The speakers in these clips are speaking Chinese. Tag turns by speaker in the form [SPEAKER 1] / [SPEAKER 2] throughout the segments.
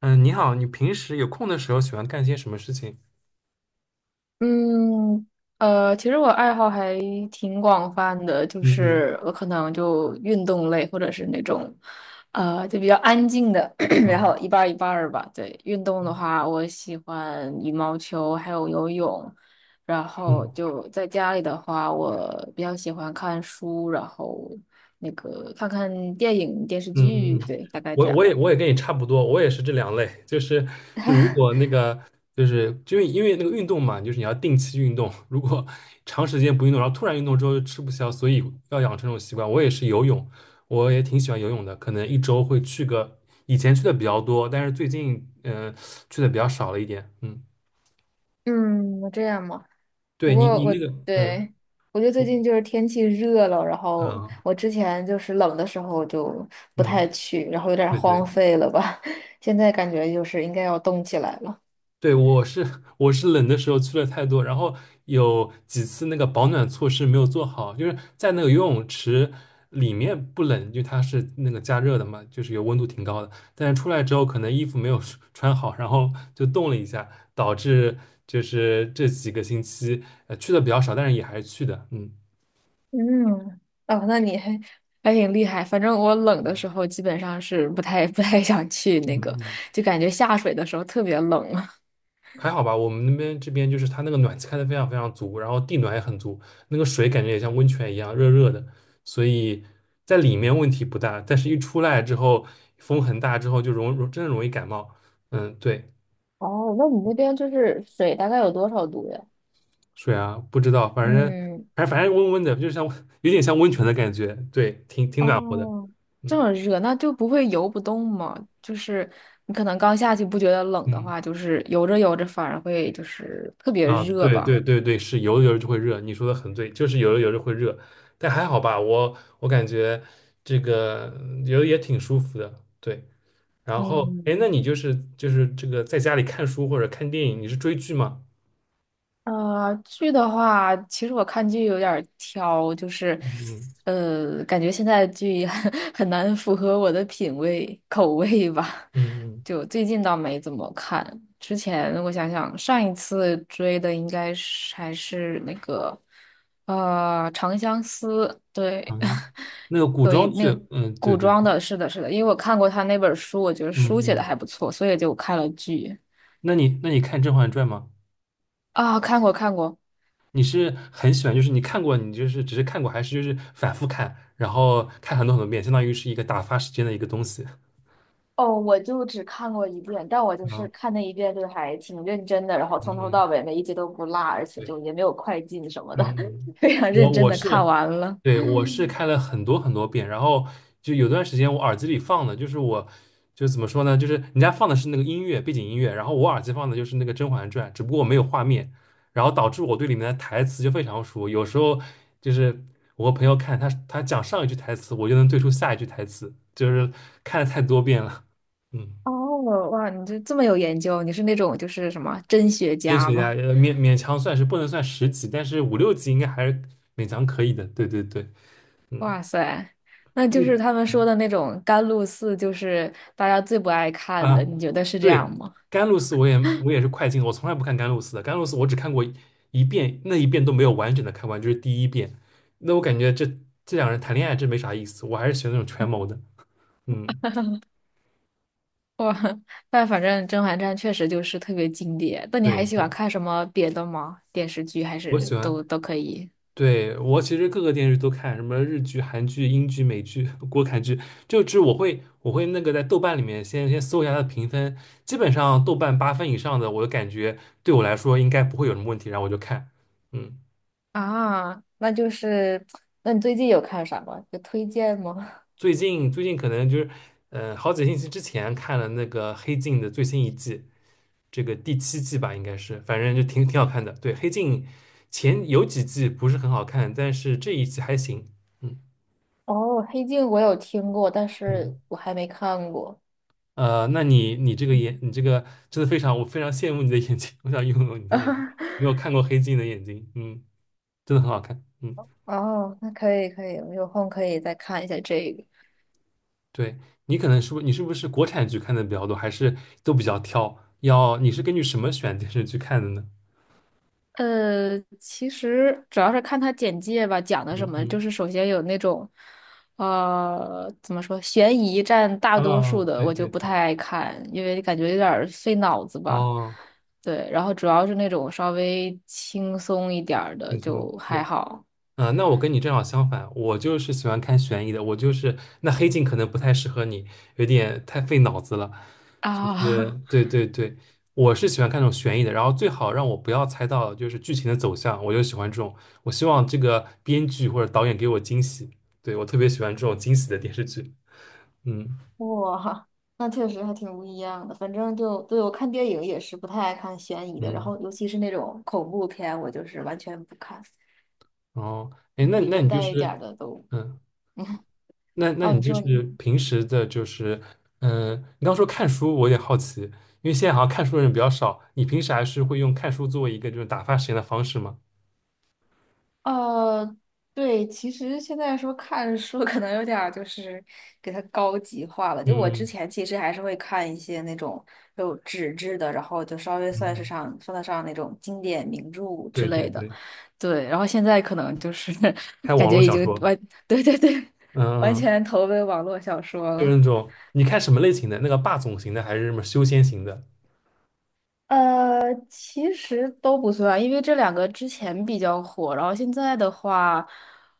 [SPEAKER 1] 嗯，你好，你平时有空的时候喜欢干些什么事情？
[SPEAKER 2] 嗯，其实我爱好还挺广泛的，就
[SPEAKER 1] 嗯嗯，
[SPEAKER 2] 是我可能就运动类，或者是那种，就比较安静的，然
[SPEAKER 1] 哦，
[SPEAKER 2] 后一半儿一半儿吧。对，运动的
[SPEAKER 1] 嗯
[SPEAKER 2] 话，我喜欢羽毛球，还有游泳。然后
[SPEAKER 1] 嗯
[SPEAKER 2] 就在家里的话，我比较喜欢看书，然后那个看看电影、电视
[SPEAKER 1] 嗯
[SPEAKER 2] 剧，
[SPEAKER 1] 嗯，
[SPEAKER 2] 对，大概这
[SPEAKER 1] 我
[SPEAKER 2] 样。
[SPEAKER 1] 我也我也跟你差不多，我也是这两类，就是如果那 个就是就因为那个运动嘛，就是你要定期运动，如果长时间不运动，然后突然运动之后就吃不消，所以要养成这种习惯。我也是游泳，我也挺喜欢游泳的，可能一周会去个，以前去的比较多，但是最近去的比较少了一点。嗯，
[SPEAKER 2] 嗯，这样吗？不
[SPEAKER 1] 对你
[SPEAKER 2] 过
[SPEAKER 1] 你
[SPEAKER 2] 我
[SPEAKER 1] 那个嗯
[SPEAKER 2] 对我觉得最
[SPEAKER 1] 我
[SPEAKER 2] 近就是天气热了，然后我
[SPEAKER 1] 啊
[SPEAKER 2] 之前就是冷的时候就不太
[SPEAKER 1] 嗯
[SPEAKER 2] 去，然后有点
[SPEAKER 1] 对
[SPEAKER 2] 荒
[SPEAKER 1] 对。
[SPEAKER 2] 废了吧。现在感觉就是应该要动起来了。
[SPEAKER 1] 对，我是我是冷的时候去了太多，然后有几次那个保暖措施没有做好，就是在那个游泳池里面不冷，因为它是那个加热的嘛，就是有温度挺高的，但是出来之后可能衣服没有 穿好，然后就冻了一下，导致就是这几个星期去的比较少，但是也还是去的，嗯。
[SPEAKER 2] 嗯，哦，那你还还挺厉害。反正我冷的时候基本上是不太 不太想去
[SPEAKER 1] 嗯
[SPEAKER 2] 那个，
[SPEAKER 1] 嗯，
[SPEAKER 2] 就感觉下水的时候特别冷。
[SPEAKER 1] 还好吧，我们那边这边就是它那个暖气开的非常非常足，然后地暖也很足，那个水感觉也像温泉一样热热的，所以在里面问题不大，但是一出来之后风很大之后就真的容易感冒。嗯，对，
[SPEAKER 2] 哦，那你那边就是水大概有多少度呀？
[SPEAKER 1] 水啊，不知道，反正
[SPEAKER 2] 嗯，
[SPEAKER 1] 反正反正温温的，就像 有点像温泉的感觉，对，挺挺暖和的。
[SPEAKER 2] 哦，这
[SPEAKER 1] 嗯
[SPEAKER 2] 么热，那就不会游不动嘛？就是你可能刚下去不觉得冷的
[SPEAKER 1] 嗯。
[SPEAKER 2] 话，就是游着游着反而会就是特别
[SPEAKER 1] 啊，
[SPEAKER 2] 热
[SPEAKER 1] 对对
[SPEAKER 2] 吧。
[SPEAKER 1] 对对，是游着游着就会热，你说的很对，就是游着游着会热，但还好吧，我我感觉这个游得也挺舒服的，对。然后，哎，那
[SPEAKER 2] 嗯，
[SPEAKER 1] 你就是就是这个在家里看书或者看电影，你是追剧吗？
[SPEAKER 2] 剧的话，其实我看剧有点儿挑，就是，
[SPEAKER 1] 嗯
[SPEAKER 2] 感觉现在的剧 很难符合我的品味口味吧。
[SPEAKER 1] 嗯嗯，
[SPEAKER 2] 就最近倒没怎么看，之前我想想，上一次追的应该是还是那个，长相思》，对，
[SPEAKER 1] 好像是那个 古
[SPEAKER 2] 有一
[SPEAKER 1] 装
[SPEAKER 2] 那
[SPEAKER 1] 剧，
[SPEAKER 2] 个
[SPEAKER 1] 嗯，对
[SPEAKER 2] 古
[SPEAKER 1] 对
[SPEAKER 2] 装
[SPEAKER 1] 对，
[SPEAKER 2] 的，是的，是的，因为我看过他那本书，我觉得
[SPEAKER 1] 嗯
[SPEAKER 2] 书写的
[SPEAKER 1] 嗯，
[SPEAKER 2] 还不错，所以就看了剧
[SPEAKER 1] 那你看《甄嬛传》吗？
[SPEAKER 2] 啊，看过看过。
[SPEAKER 1] 你是很喜欢，就是你看过，你就是只是看过，还是就是反复看，然后看很多很多遍，相当于是一个打发时间的一个东西
[SPEAKER 2] 哦，我就只看过一遍，但我就是
[SPEAKER 1] 啊，
[SPEAKER 2] 看那一遍，就是还挺认真的，然后从
[SPEAKER 1] 嗯
[SPEAKER 2] 头
[SPEAKER 1] 嗯。
[SPEAKER 2] 到尾每一集都不落，而且
[SPEAKER 1] 对。
[SPEAKER 2] 就也没有快进什么
[SPEAKER 1] 嗯
[SPEAKER 2] 的，
[SPEAKER 1] 嗯，
[SPEAKER 2] 非常
[SPEAKER 1] 我
[SPEAKER 2] 认真
[SPEAKER 1] 我
[SPEAKER 2] 的看
[SPEAKER 1] 是，
[SPEAKER 2] 完了。
[SPEAKER 1] 对，我是看了很多很多遍，然后就有段时间我耳机里放的就是我，就怎么说呢，就是人家放的是那个音乐背景音乐，然后我耳机放的就是那个《甄嬛传》，只不过我没有画面，然后导致我对里面的台词就非常熟，有时候就是我和朋友看他讲上一句台词，我就能对出下一句台词，就是看了太多遍了，嗯，
[SPEAKER 2] 哦，哇，你这么有研究，你是那种就是什么真学
[SPEAKER 1] 真
[SPEAKER 2] 家
[SPEAKER 1] 学家
[SPEAKER 2] 吗？
[SPEAKER 1] 勉勉强算是不能算十级，但是五六级应该还是勉强可以的，对对对，嗯。
[SPEAKER 2] 哇塞，那
[SPEAKER 1] 因
[SPEAKER 2] 就是
[SPEAKER 1] 为。
[SPEAKER 2] 他们说的那种甘露寺，就是大家最不爱看
[SPEAKER 1] 啊，
[SPEAKER 2] 的，你觉得是这样
[SPEAKER 1] 对，
[SPEAKER 2] 吗？
[SPEAKER 1] 甘露寺我也我也是快进的我从来不看甘露寺的。甘露寺我只看过一遍，那一遍都没有完整的看完，就是第一遍。那我感觉这两人谈恋爱真没啥意思，我还是喜欢那种权谋的。嗯，
[SPEAKER 2] 哇，但反正《甄嬛传》确实就是特别经典。那你
[SPEAKER 1] 对
[SPEAKER 2] 还喜欢
[SPEAKER 1] 对，
[SPEAKER 2] 看什么别的吗？电视剧还
[SPEAKER 1] 我
[SPEAKER 2] 是
[SPEAKER 1] 喜欢。
[SPEAKER 2] 都可以？
[SPEAKER 1] 对，我其实各个电视剧都看，什么日剧、韩剧、英剧、美剧、国产剧，就是我会那个在豆瓣里面先搜一下它的评分，基本上豆瓣八分以上的，我就感觉对我来说应该不会有什么问题，然后我就看。嗯。
[SPEAKER 2] 啊，那就是，那你最近有看啥吗？有推荐吗？
[SPEAKER 1] 最近可能就是，好几个星期之前看了那个《黑镜》的最新一季，这个第七季吧，应该是，反正就挺挺好看的。对，《黑镜》前有几季不是很好看，但是这一季还行。嗯
[SPEAKER 2] 哦，《黑镜》我有听过，但是
[SPEAKER 1] 嗯，
[SPEAKER 2] 我还没看过。
[SPEAKER 1] 那你你这个眼，你这个真的非常，我非常羡慕你的眼睛，我想拥有你的眼睛。没 有看过《黑镜》的眼睛，嗯，真的很好看。嗯，
[SPEAKER 2] 哦，那可以可以，我有空可以再看一下这个。
[SPEAKER 1] 对，你可能是不，你是不是国产剧看的比较多，还是都比较挑？要你是根据什么选电视剧看的呢？
[SPEAKER 2] 其实主要是看他简介吧，讲的什
[SPEAKER 1] 嗯
[SPEAKER 2] 么，就
[SPEAKER 1] 嗯。
[SPEAKER 2] 是首先有那种，怎么说，悬疑占大多
[SPEAKER 1] 啊
[SPEAKER 2] 数的，
[SPEAKER 1] 对
[SPEAKER 2] 我
[SPEAKER 1] 对
[SPEAKER 2] 就不
[SPEAKER 1] 对，
[SPEAKER 2] 太爱看，因为感觉有点儿费脑子吧。
[SPEAKER 1] 哦，
[SPEAKER 2] 对，然后主要是那种稍微轻松一点儿的
[SPEAKER 1] 轻松，
[SPEAKER 2] 就还
[SPEAKER 1] 对，
[SPEAKER 2] 好
[SPEAKER 1] 嗯那我跟你正好相反，我就是喜欢看悬疑的，我就是那黑镜可能不太适合你，有点太费脑子了，就是
[SPEAKER 2] 啊。
[SPEAKER 1] 对 对对，我是喜欢看那种悬疑的，然后最好让我不要猜到就是剧情的走向，我就喜欢这种，我希望这个编剧或者导演给我惊喜，对，我特别喜欢这种惊喜的电视剧，嗯
[SPEAKER 2] 哇，那确实还挺不一样的。反正就，对，我看电影也是不太爱看悬疑的，然
[SPEAKER 1] 嗯，
[SPEAKER 2] 后尤其是那种恐怖片，我就是完全不看，
[SPEAKER 1] 哦，哎，那
[SPEAKER 2] 里
[SPEAKER 1] 那
[SPEAKER 2] 面
[SPEAKER 1] 你就
[SPEAKER 2] 带一点儿
[SPEAKER 1] 是，
[SPEAKER 2] 的都。
[SPEAKER 1] 嗯。那
[SPEAKER 2] 哦，
[SPEAKER 1] 你
[SPEAKER 2] 你
[SPEAKER 1] 就
[SPEAKER 2] 说
[SPEAKER 1] 是
[SPEAKER 2] 你，
[SPEAKER 1] 平时的，就是嗯，你刚说看书，我有点好奇，因为现在好像看书的人比较少，你平时还是会用看书作为一个就是打发时间的方式吗？
[SPEAKER 2] 呃，对，其实现在说看书可能有点儿就是给它高级化了。就我之
[SPEAKER 1] 嗯
[SPEAKER 2] 前其实还是会看一些那种有纸质的，然后就稍微
[SPEAKER 1] 嗯，
[SPEAKER 2] 算得上那种经典名著之
[SPEAKER 1] 对对
[SPEAKER 2] 类的。
[SPEAKER 1] 对，
[SPEAKER 2] 对，然后现在可能就是
[SPEAKER 1] 看
[SPEAKER 2] 感
[SPEAKER 1] 网络
[SPEAKER 2] 觉已
[SPEAKER 1] 小
[SPEAKER 2] 经
[SPEAKER 1] 说，
[SPEAKER 2] 完，对对对，完
[SPEAKER 1] 嗯，
[SPEAKER 2] 全投奔网络小说
[SPEAKER 1] 就是
[SPEAKER 2] 了。
[SPEAKER 1] 那种你看什么类型的？那个霸总型的还是什么修仙型的？
[SPEAKER 2] 其实都不算，因为这两个之前比较火，然后现在的话，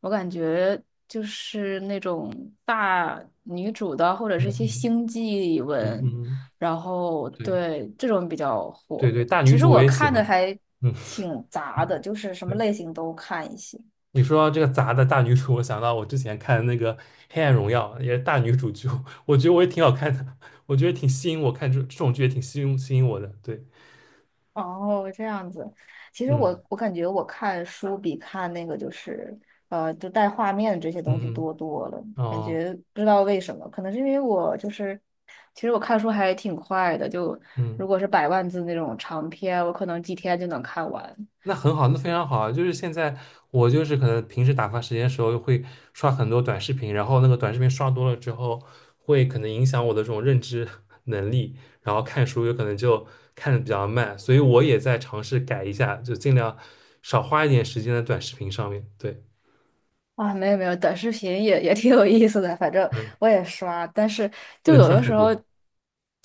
[SPEAKER 2] 我感觉就是那种大女主的，或者是一些
[SPEAKER 1] 嗯
[SPEAKER 2] 星际
[SPEAKER 1] 嗯
[SPEAKER 2] 文，
[SPEAKER 1] 嗯嗯，
[SPEAKER 2] 然后
[SPEAKER 1] 对
[SPEAKER 2] 对这种比较
[SPEAKER 1] 对
[SPEAKER 2] 火。
[SPEAKER 1] 对，大女
[SPEAKER 2] 其实
[SPEAKER 1] 主我
[SPEAKER 2] 我
[SPEAKER 1] 也喜
[SPEAKER 2] 看
[SPEAKER 1] 欢，
[SPEAKER 2] 的还
[SPEAKER 1] 嗯。
[SPEAKER 2] 挺杂的，就是什么
[SPEAKER 1] 对。
[SPEAKER 2] 类型都看一些。
[SPEAKER 1] 你说到这个杂的大女主，我想到我之前看的那个《黑暗荣耀》，也是大女主剧，我觉得我也挺好看的，我觉得挺吸引我看这种剧也挺吸引我的。对，
[SPEAKER 2] 哦，这样子。其实
[SPEAKER 1] 嗯
[SPEAKER 2] 我感觉我看书比看那个就是就带画面这些东西
[SPEAKER 1] 嗯
[SPEAKER 2] 多多了。
[SPEAKER 1] 嗯，
[SPEAKER 2] 感
[SPEAKER 1] 哦，
[SPEAKER 2] 觉不知道为什么，可能是因为我就是，其实我看书还挺快的，就
[SPEAKER 1] 嗯。
[SPEAKER 2] 如果是百万字那种长篇，我可能几天就能看完。
[SPEAKER 1] 那很好，那非常好啊！就是现在我就是可能平时打发时间的时候会刷很多短视频，然后那个短视频刷多了之后，会可能影响我的这种认知 能力，然后看书有可能就看的比较慢，所以我也在尝试改一下，就尽量少花一点时间在短视频上面。对，
[SPEAKER 2] 啊，没有没有，短视频也挺有意思的，反正
[SPEAKER 1] 嗯，
[SPEAKER 2] 我也刷，但是
[SPEAKER 1] 不
[SPEAKER 2] 就
[SPEAKER 1] 能
[SPEAKER 2] 有
[SPEAKER 1] 刷
[SPEAKER 2] 的
[SPEAKER 1] 太
[SPEAKER 2] 时候，
[SPEAKER 1] 多。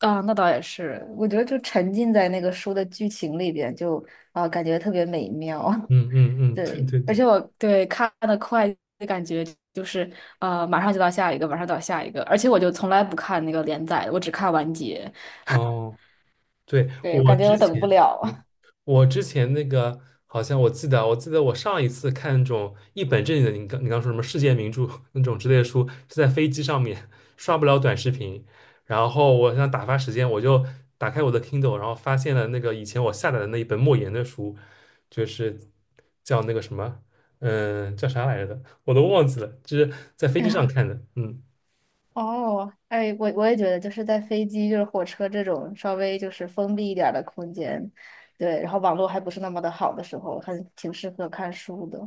[SPEAKER 2] 啊，那倒也是，我觉得就沉浸在那个书的剧情里边，就啊，感觉特别美妙。
[SPEAKER 1] 嗯嗯 嗯，对
[SPEAKER 2] 对，
[SPEAKER 1] 对
[SPEAKER 2] 而
[SPEAKER 1] 对，
[SPEAKER 2] 且我对，看的快的感觉就是马上就到下一个，马上到下一个，而且我就从来不看那个连载的我只看完结。
[SPEAKER 1] 哦。对，
[SPEAKER 2] 对我
[SPEAKER 1] 我
[SPEAKER 2] 感觉
[SPEAKER 1] 之
[SPEAKER 2] 我等不
[SPEAKER 1] 前，
[SPEAKER 2] 了。
[SPEAKER 1] 嗯我之前那个好像我记得，我上一次看那种一本正经的，你刚说什么世界名著 那种之类的书，是在飞机上面刷不了短视频，然后我想打发时间，我就打开我的 Kindle，然后发现了那个以前我下载的那一本莫言的书，就是叫那个什么，叫啥来着的，我都忘记了，就是在飞机上 看的，嗯，
[SPEAKER 2] 哦，哎，我也觉得，就是在飞机、就是火车这种稍微就是封闭一点儿的空间，对，然后网络还不是那么的好的时候，还挺适合看书的。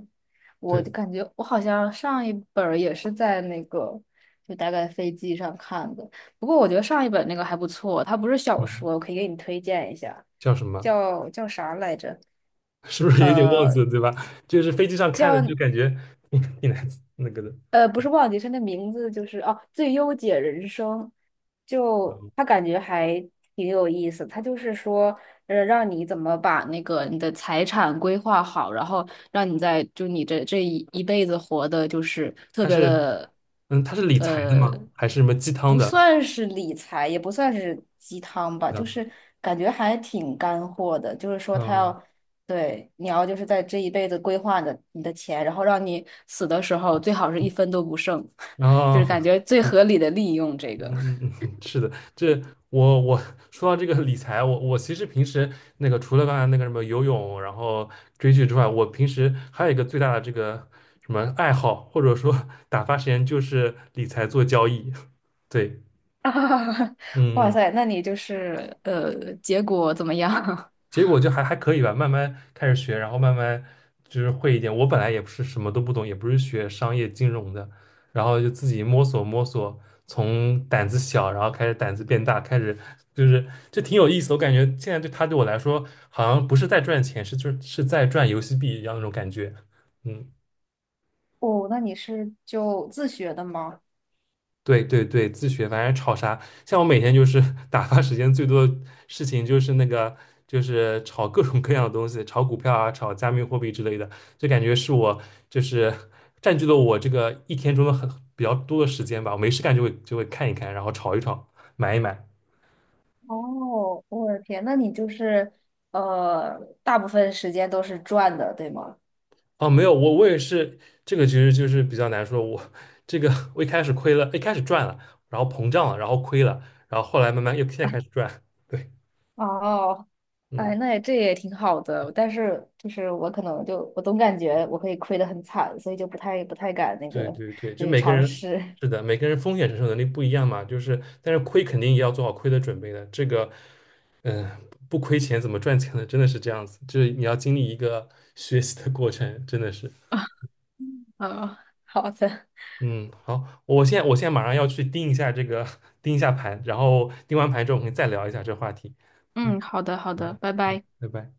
[SPEAKER 2] 我
[SPEAKER 1] 对，
[SPEAKER 2] 就感觉我好像上一本儿也是在那个，就大概飞机上看的。不过我觉得上一本那个还不错，它不是小
[SPEAKER 1] 嗯，
[SPEAKER 2] 说，我可以给你推荐一下，
[SPEAKER 1] 叫什么？
[SPEAKER 2] 叫啥来着？
[SPEAKER 1] 是不是有点忘
[SPEAKER 2] 呃，
[SPEAKER 1] 记了，对吧？就是飞机上看的，就
[SPEAKER 2] 叫。
[SPEAKER 1] 感觉挺挺难那个的。
[SPEAKER 2] 不是忘记，是那名字就是哦，《最优解人生》就，他感觉还挺有意思。他就是说，让你怎么把那个你的财产规划好，然后让你在就你这这一辈子活的，就是特
[SPEAKER 1] 他
[SPEAKER 2] 别
[SPEAKER 1] 是，
[SPEAKER 2] 的，
[SPEAKER 1] 嗯，他是理财的
[SPEAKER 2] 呃，
[SPEAKER 1] 吗？还是什么鸡汤
[SPEAKER 2] 不
[SPEAKER 1] 的？
[SPEAKER 2] 算是理财，也不算是鸡汤吧，就是感觉还挺干货的。就是说，他
[SPEAKER 1] 嗯，
[SPEAKER 2] 要对，你要就是在这一辈子规划你的钱，然后让你死的时候最好是一分都不剩，
[SPEAKER 1] 然
[SPEAKER 2] 就是
[SPEAKER 1] 后
[SPEAKER 2] 感觉最
[SPEAKER 1] 对，
[SPEAKER 2] 合理的利用这个。
[SPEAKER 1] 嗯 嗯嗯，是的，这我我说到这个理财，我我其实平时那个除了刚才那个什么游泳，然后追剧之外，我平时还有一个最大的这个什么爱好，或者说打发时间就是理财做交易。对，
[SPEAKER 2] 啊，哇
[SPEAKER 1] 嗯。嗯
[SPEAKER 2] 塞，那你就是结果怎么样？
[SPEAKER 1] 结果就还还可以吧，慢慢开始学，然后慢慢就是会一点。我本来也不是什么都不懂，也不是学商业金融的，然后就自己摸索摸索，从胆子小，然后开始胆子变大，开始就是就挺有意思的我感觉现在对他对我来说，好像不是在赚钱，是就是是在赚游戏币一样那种感觉。嗯。
[SPEAKER 2] 哦，那你是就自学的吗？
[SPEAKER 1] 对对对，自学反正炒啥，像我每天就是 打发时间最多的事情就是那个，就是炒各种各样的东西，炒股票啊，炒加密货币之类的，就感觉是我就是占据了我这个一天中的很比较多的时间吧。我没事干就会看一看，然后炒一炒，买一买。
[SPEAKER 2] 哦，我的天，那你就是大部分时间都是赚的，对吗？
[SPEAKER 1] 哦，没有，我我也是这个，其实就是比较难说。我这个我一开始亏了，一开始赚了，然后膨胀了，然后亏了，然后后来慢慢又现在开始赚。对，
[SPEAKER 2] 哦，
[SPEAKER 1] 嗯。
[SPEAKER 2] 哎，那也这也挺好的，但是就是我可能就我总感觉我可以亏得很惨，所以就不太敢那个，
[SPEAKER 1] 对对对，
[SPEAKER 2] 就
[SPEAKER 1] 就
[SPEAKER 2] 是
[SPEAKER 1] 每个
[SPEAKER 2] 尝
[SPEAKER 1] 人
[SPEAKER 2] 试。
[SPEAKER 1] 是的，每个人风险承受能力不一样嘛，就是但是亏肯定也要做好亏的准备的。这个，嗯、不亏钱怎么赚钱呢？真的是这样子，就是你要经历一个 学习的过程，真的是。
[SPEAKER 2] 嗯，好的，
[SPEAKER 1] 嗯，好，我现在马上要去盯一下这个 盯一下盘，然后盯完盘之后我们再聊一下这个话题。嗯，
[SPEAKER 2] 嗯，好的，好
[SPEAKER 1] 好
[SPEAKER 2] 的，
[SPEAKER 1] 的，
[SPEAKER 2] 拜拜。
[SPEAKER 1] 拜拜。